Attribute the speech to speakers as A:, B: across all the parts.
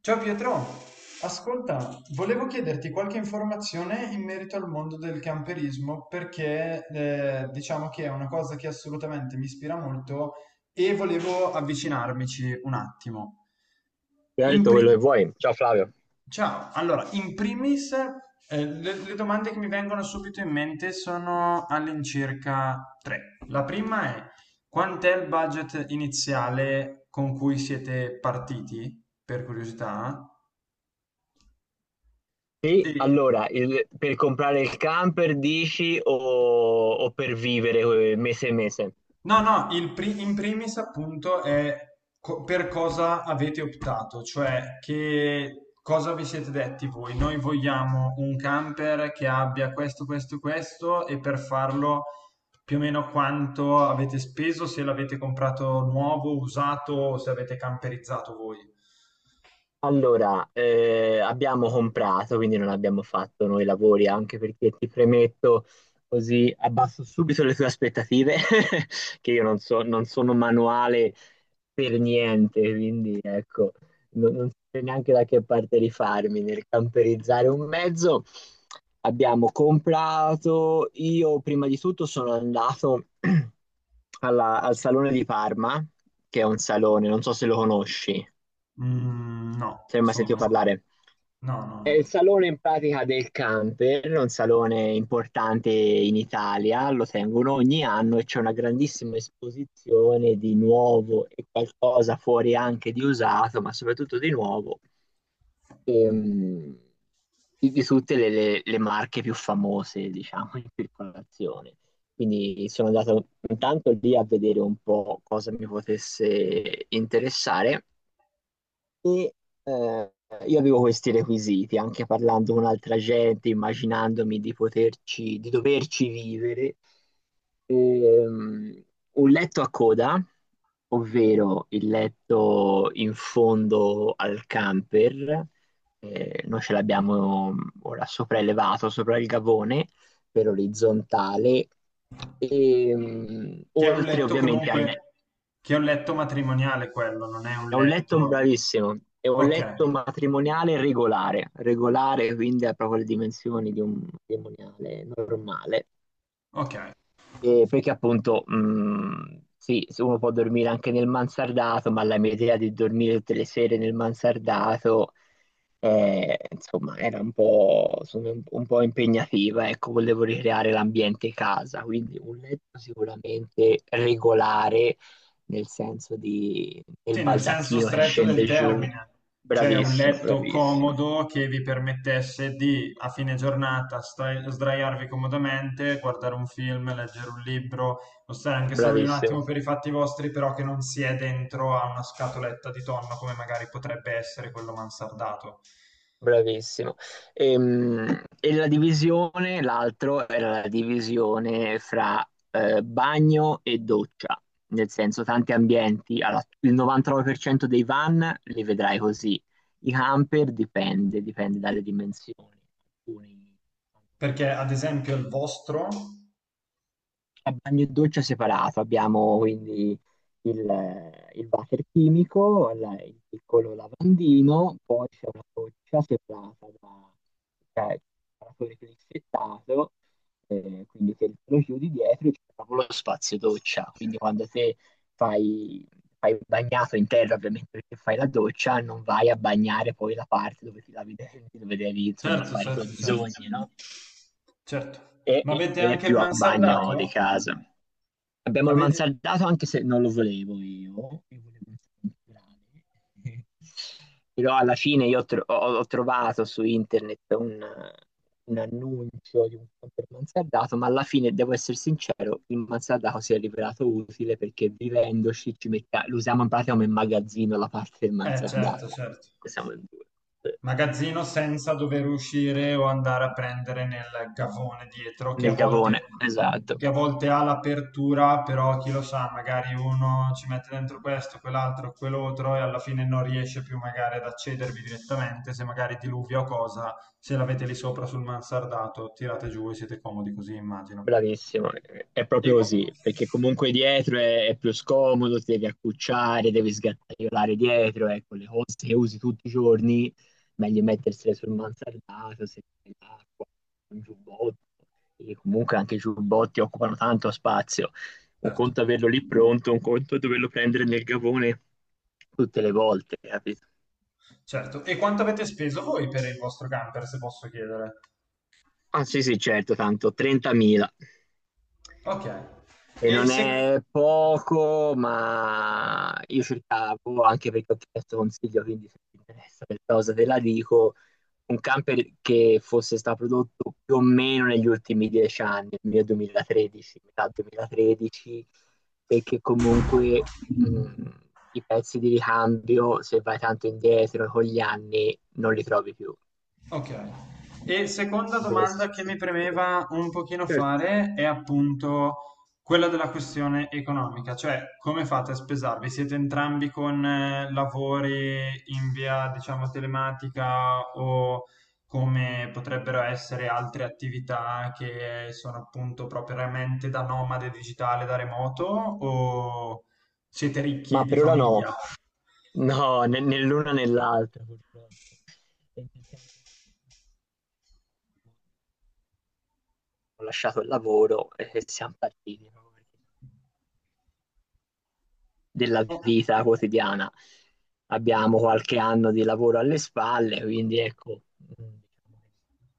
A: Ciao Pietro, ascolta, volevo chiederti qualche informazione in merito al mondo del camperismo perché diciamo che è una cosa che assolutamente mi ispira molto e volevo avvicinarmici un attimo.
B: Ti ha
A: In
B: detto
A: pri-
B: quello che vuoi. Ciao Flavio.
A: Ciao, allora, in primis, le domande che mi vengono subito in mente sono all'incirca tre. La prima è, quant'è il budget iniziale con cui siete partiti, per curiosità?
B: Sì,
A: Sì.
B: allora, per comprare il camper dici, o per vivere mese e mese?
A: No, no, in primis appunto è per cosa avete optato, cioè che cosa vi siete detti voi. Noi vogliamo un camper che abbia questo, questo, questo e per farlo più o meno quanto avete speso, se l'avete comprato nuovo, usato o se avete camperizzato voi.
B: Allora, abbiamo comprato, quindi non abbiamo fatto noi lavori, anche perché ti premetto così abbasso subito le tue aspettative. Che io non so, non sono manuale per niente, quindi ecco, non so neanche da che parte rifarmi nel camperizzare un mezzo. Abbiamo comprato, io prima di tutto sono andato al Salone di Parma, che è un salone, non so se lo conosci,
A: Mm, no,
B: se hai mai sentito
A: sono...
B: parlare.
A: No, no,
B: È il
A: no.
B: salone in pratica del camper, è un salone importante in Italia, lo tengono ogni anno e c'è una grandissima esposizione di nuovo e qualcosa fuori anche di usato, ma soprattutto di nuovo, ehm, di tutte le marche più famose, diciamo, in circolazione. Quindi sono andato intanto lì a vedere un po' cosa mi potesse interessare e eh, io avevo questi requisiti, anche parlando con altra gente, immaginandomi di poterci, di doverci vivere. Ehm, un letto a coda, ovvero il letto in fondo al camper, noi ce l'abbiamo ora sopraelevato sopra il gavone per orizzontale, e,
A: Che è un
B: oltre
A: letto
B: ovviamente al,
A: comunque, che è un letto matrimoniale quello, non è un
B: è un letto
A: letto...
B: bravissimo, è un
A: Ok,
B: letto matrimoniale regolare, regolare quindi ha proprio le dimensioni di un matrimoniale normale,
A: ok.
B: e perché appunto, sì, se uno può dormire anche nel mansardato, ma la mia idea di dormire tutte le sere nel mansardato, insomma, era un po', insomma, un po' impegnativa. Ecco, volevo ricreare l'ambiente casa, quindi un letto sicuramente regolare, nel senso di, del
A: Sì, nel senso
B: baldacchino che
A: stretto del
B: scende giù.
A: termine, cioè un
B: Bravissimo,
A: letto
B: bravissimo,
A: comodo che vi permettesse di a fine giornata sdraiarvi comodamente, guardare un film, leggere un libro, o stare anche solo lì un
B: bravissimo.
A: attimo per i fatti vostri, però che non si è dentro a una scatoletta di tonno come magari potrebbe essere quello mansardato.
B: Bravissimo. E, la divisione, l'altro era la divisione fra bagno e doccia, nel senso tanti ambienti, allora, il 99% dei van li vedrai così, i camper dipende dalle dimensioni, alcuni hanno un
A: Perché ad
B: bagno
A: esempio il vostro...
B: a bagno e doccia separato. Abbiamo quindi il water chimico, il piccolo lavandino, poi c'è una doccia separata da, cioè, separatore crispettato, quindi che lo chiudi dietro e c'è proprio lo spazio doccia, quindi quando te fai, fai il bagnato in terra ovviamente perché fai la doccia, non vai a bagnare poi la parte dove ti lavi i denti, dove devi insomma
A: Certo,
B: fare i tuoi
A: certo, certo.
B: bisogni, no?
A: Certo.
B: E,
A: Ma
B: e-
A: avete
B: e è
A: anche il
B: più a bagno di
A: mansardato?
B: casa. Abbiamo il
A: Avete...
B: mansardato anche se non lo volevo io volevo il temporale. Però alla fine io ho trovato su internet un annuncio di un camper mansardato, ma alla fine, devo essere sincero, il mansardato si è rivelato utile perché vivendoci lo usiamo in pratica come magazzino la parte del
A: Certo,
B: mansardato.
A: certo.
B: Siamo in due.
A: Magazzino senza dover uscire o andare a prendere nel gavone dietro,
B: Nel gavone, esatto.
A: che a volte ha l'apertura, però chi lo sa, magari uno ci mette dentro questo, quell'altro, quell'altro e alla fine non riesce più magari ad accedervi direttamente, se magari diluvia o cosa, se l'avete lì sopra sul mansardato, tirate giù e siete comodi così, immagino.
B: Bravissimo, è
A: E
B: proprio
A: co-
B: così, perché comunque dietro è più scomodo, ti devi accucciare, devi sgattaiolare dietro, ecco, le cose che usi tutti i giorni, meglio mettersele sul mansardato, se fai l'acqua, un giubbotto, e comunque anche i giubbotti occupano tanto spazio. Un
A: certo,
B: conto averlo lì pronto, un conto doverlo prendere nel gavone tutte le volte, capito?
A: certo. E quanto avete speso voi per il vostro camper, se posso chiedere?
B: Ah sì sì, certo, tanto 30.000.
A: Ok.
B: E
A: E
B: non
A: se...
B: è poco, ma io cercavo, anche perché ho chiesto consiglio, quindi se ti interessa questa cosa te la dico, un camper che fosse stato prodotto più o meno negli ultimi 10 anni, nel 2013, metà 2013, perché comunque i pezzi di ricambio, se vai tanto indietro con gli anni, non li trovi più.
A: Ok. E seconda
B: Dovresti
A: domanda che mi
B: sostituirli.
A: premeva un pochino
B: Certo.
A: fare è appunto quella della questione economica, cioè come fate a spesarvi? Siete entrambi con lavori in via, diciamo, telematica o come potrebbero essere altre attività che sono appunto propriamente da nomade digitale, da remoto o siete ricchi
B: Ma
A: di
B: per ora no.
A: famiglia?
B: No, né l'una né l'altra purtroppo. E nel frattempo ho lasciato il lavoro e siam partiti proprio perché della vita quotidiana. Abbiamo qualche anno di lavoro alle spalle, quindi ecco, mm,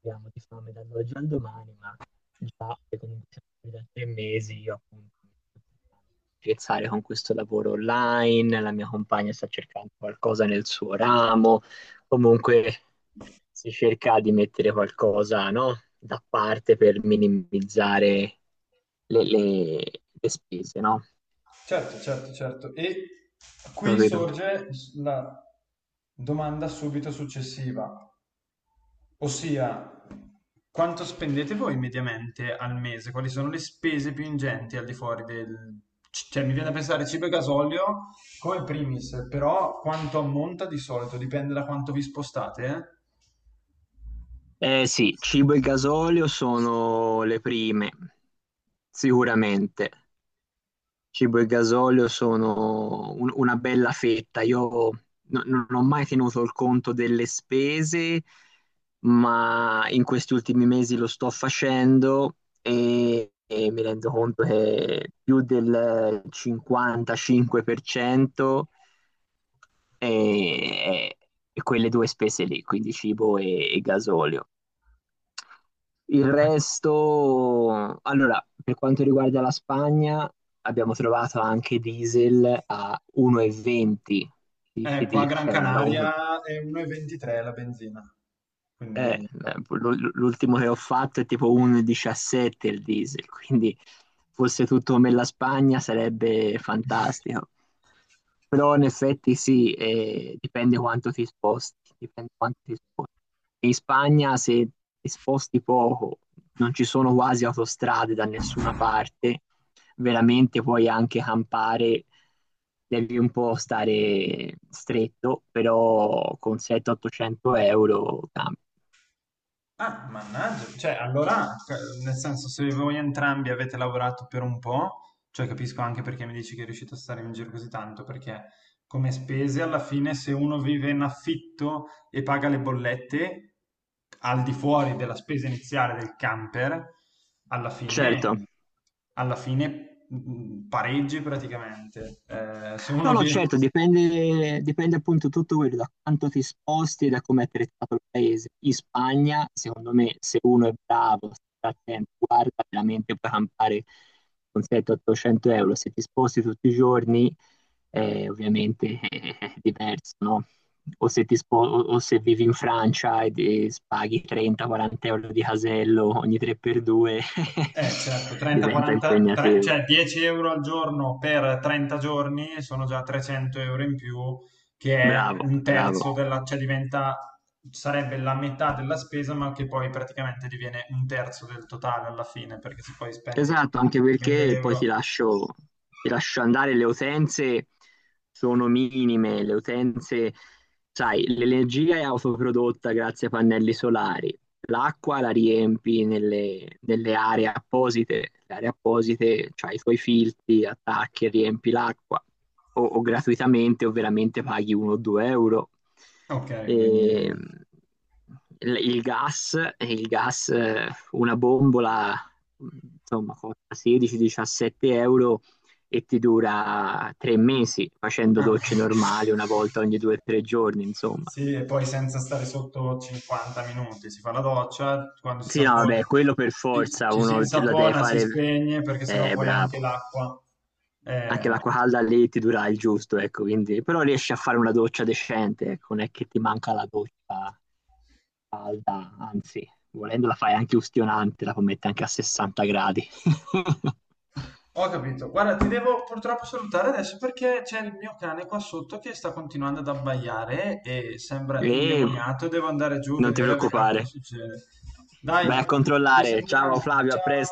B: diciamo che abbiamo di fame dall'oggi al domani, ma già che comunque siamo qui da 3 mesi, io appunto mi sto cercando di scherzare con questo lavoro online, la mia compagna sta cercando qualcosa nel suo ramo, comunque si cerca di mettere qualcosa, no, da parte per minimizzare le, le- le spese, no?
A: Certo, certo, certo. E qui
B: Capito?
A: sorge la domanda subito successiva, ossia quanto spendete voi mediamente al mese? Quali sono le spese più ingenti al di fuori del... Cioè, mi viene da pensare cibo e gasolio come primis, però quanto ammonta di solito? Dipende da quanto vi spostate, eh?
B: Eh sì, cibo e gasolio sono le prime, sicuramente. Cibo e gasolio sono una bella fetta. Io non ho mai tenuto il conto delle spese, ma in questi ultimi mesi lo sto facendo e mi rendo conto che più del 55%, e, e quelle due spese lì, quindi cibo e gasolio. Il
A: Ma-
B: resto, allora, per quanto riguarda la Spagna, abbiamo trovato anche diesel a 1,20. Ti
A: Ecco, a
B: dico,
A: Gran Canaria è 1,23 la benzina,
B: eh,
A: quindi
B: l'ultimo che ho fatto è tipo 1,17 il diesel, quindi fosse tutto come la Spagna sarebbe fantastico. Però in effetti sì, dipende quanto ti sposti, dipende quanto ti sposti. In Spagna se ti sposti poco, non ci sono quasi autostrade da nessuna parte, veramente puoi anche campare, devi un po' stare stretto, però con 700-800 euro campi.
A: ah, mannaggia, cioè allora, cioè, nel senso, se voi entrambi avete lavorato per un po', cioè capisco anche perché mi dici che è riuscito a stare in giro così tanto, perché come spese alla fine se uno vive in affitto e paga le bollette al di fuori della spesa iniziale del camper, alla
B: Certo.
A: fine, alla fine pareggi praticamente. Se
B: No,
A: uno
B: no,
A: viene,
B: certo, dipende, dipende appunto tutto quello da quanto ti sposti e da come è trattato il paese. In Spagna, secondo me, se uno è bravo, sta attento, guarda, veramente puoi campare con 700-800 euro. Se ti sposti tutti i giorni, ovviamente è diverso, no? O se vivi in Francia e paghi 30-40 euro di casello ogni 3x2,
A: eh, certo,
B: diventa
A: 30-40,
B: impegnativo.
A: cioè 10 € al giorno per 30 giorni sono già 300 € in più, che è
B: Bravo,
A: un
B: bravo.
A: terzo della, cioè diventa, sarebbe la metà della spesa, ma che poi praticamente diviene un terzo del totale alla fine, perché se poi spendi
B: Esatto, anche
A: 1000
B: perché poi
A: euro...
B: ti lascio andare, le utenze sono minime, le utenze, sai, l'energia è autoprodotta grazie ai pannelli solari, l'acqua la riempi nelle aree apposite, le aree apposite, cioè i tuoi filtri, attacchi, e riempi l'acqua, o gratuitamente o veramente paghi 1-2 euro.
A: Ok,
B: E,
A: quindi...
B: il gas, il gas, una bombola insomma, costa 16-17 euro e ti dura 3 mesi facendo
A: Ah.
B: docce normali una volta ogni 2 o 3 giorni, insomma.
A: Sì, e poi senza stare sotto 50 minuti si fa la doccia, quando si sa
B: Sì,
A: un
B: no,
A: po'...
B: vabbè, quello per
A: Ci,
B: forza
A: ci si
B: uno la deve
A: insapona, si
B: fare,
A: spegne perché sennò poi anche
B: bravo.
A: l'acqua.
B: Anche
A: Eh,
B: l'acqua calda lì ti dura il giusto, ecco, quindi, però riesci a fare una doccia decente, ecco, non è che ti manca la doccia calda, anzi, volendo la fai anche ustionante, la puoi mettere anche a 60 gradi.
A: ho capito. Guarda, ti devo purtroppo salutare adesso perché c'è il mio cane qua sotto che sta continuando ad abbaiare e sembra
B: E
A: indemoniato. Devo andare giù a
B: non ti
A: vedere a cosa
B: preoccupare.
A: succede. Dai,
B: Vai a
A: ci
B: controllare. Ciao
A: sentiamo.
B: Flavio, a
A: Ciao.
B: presto.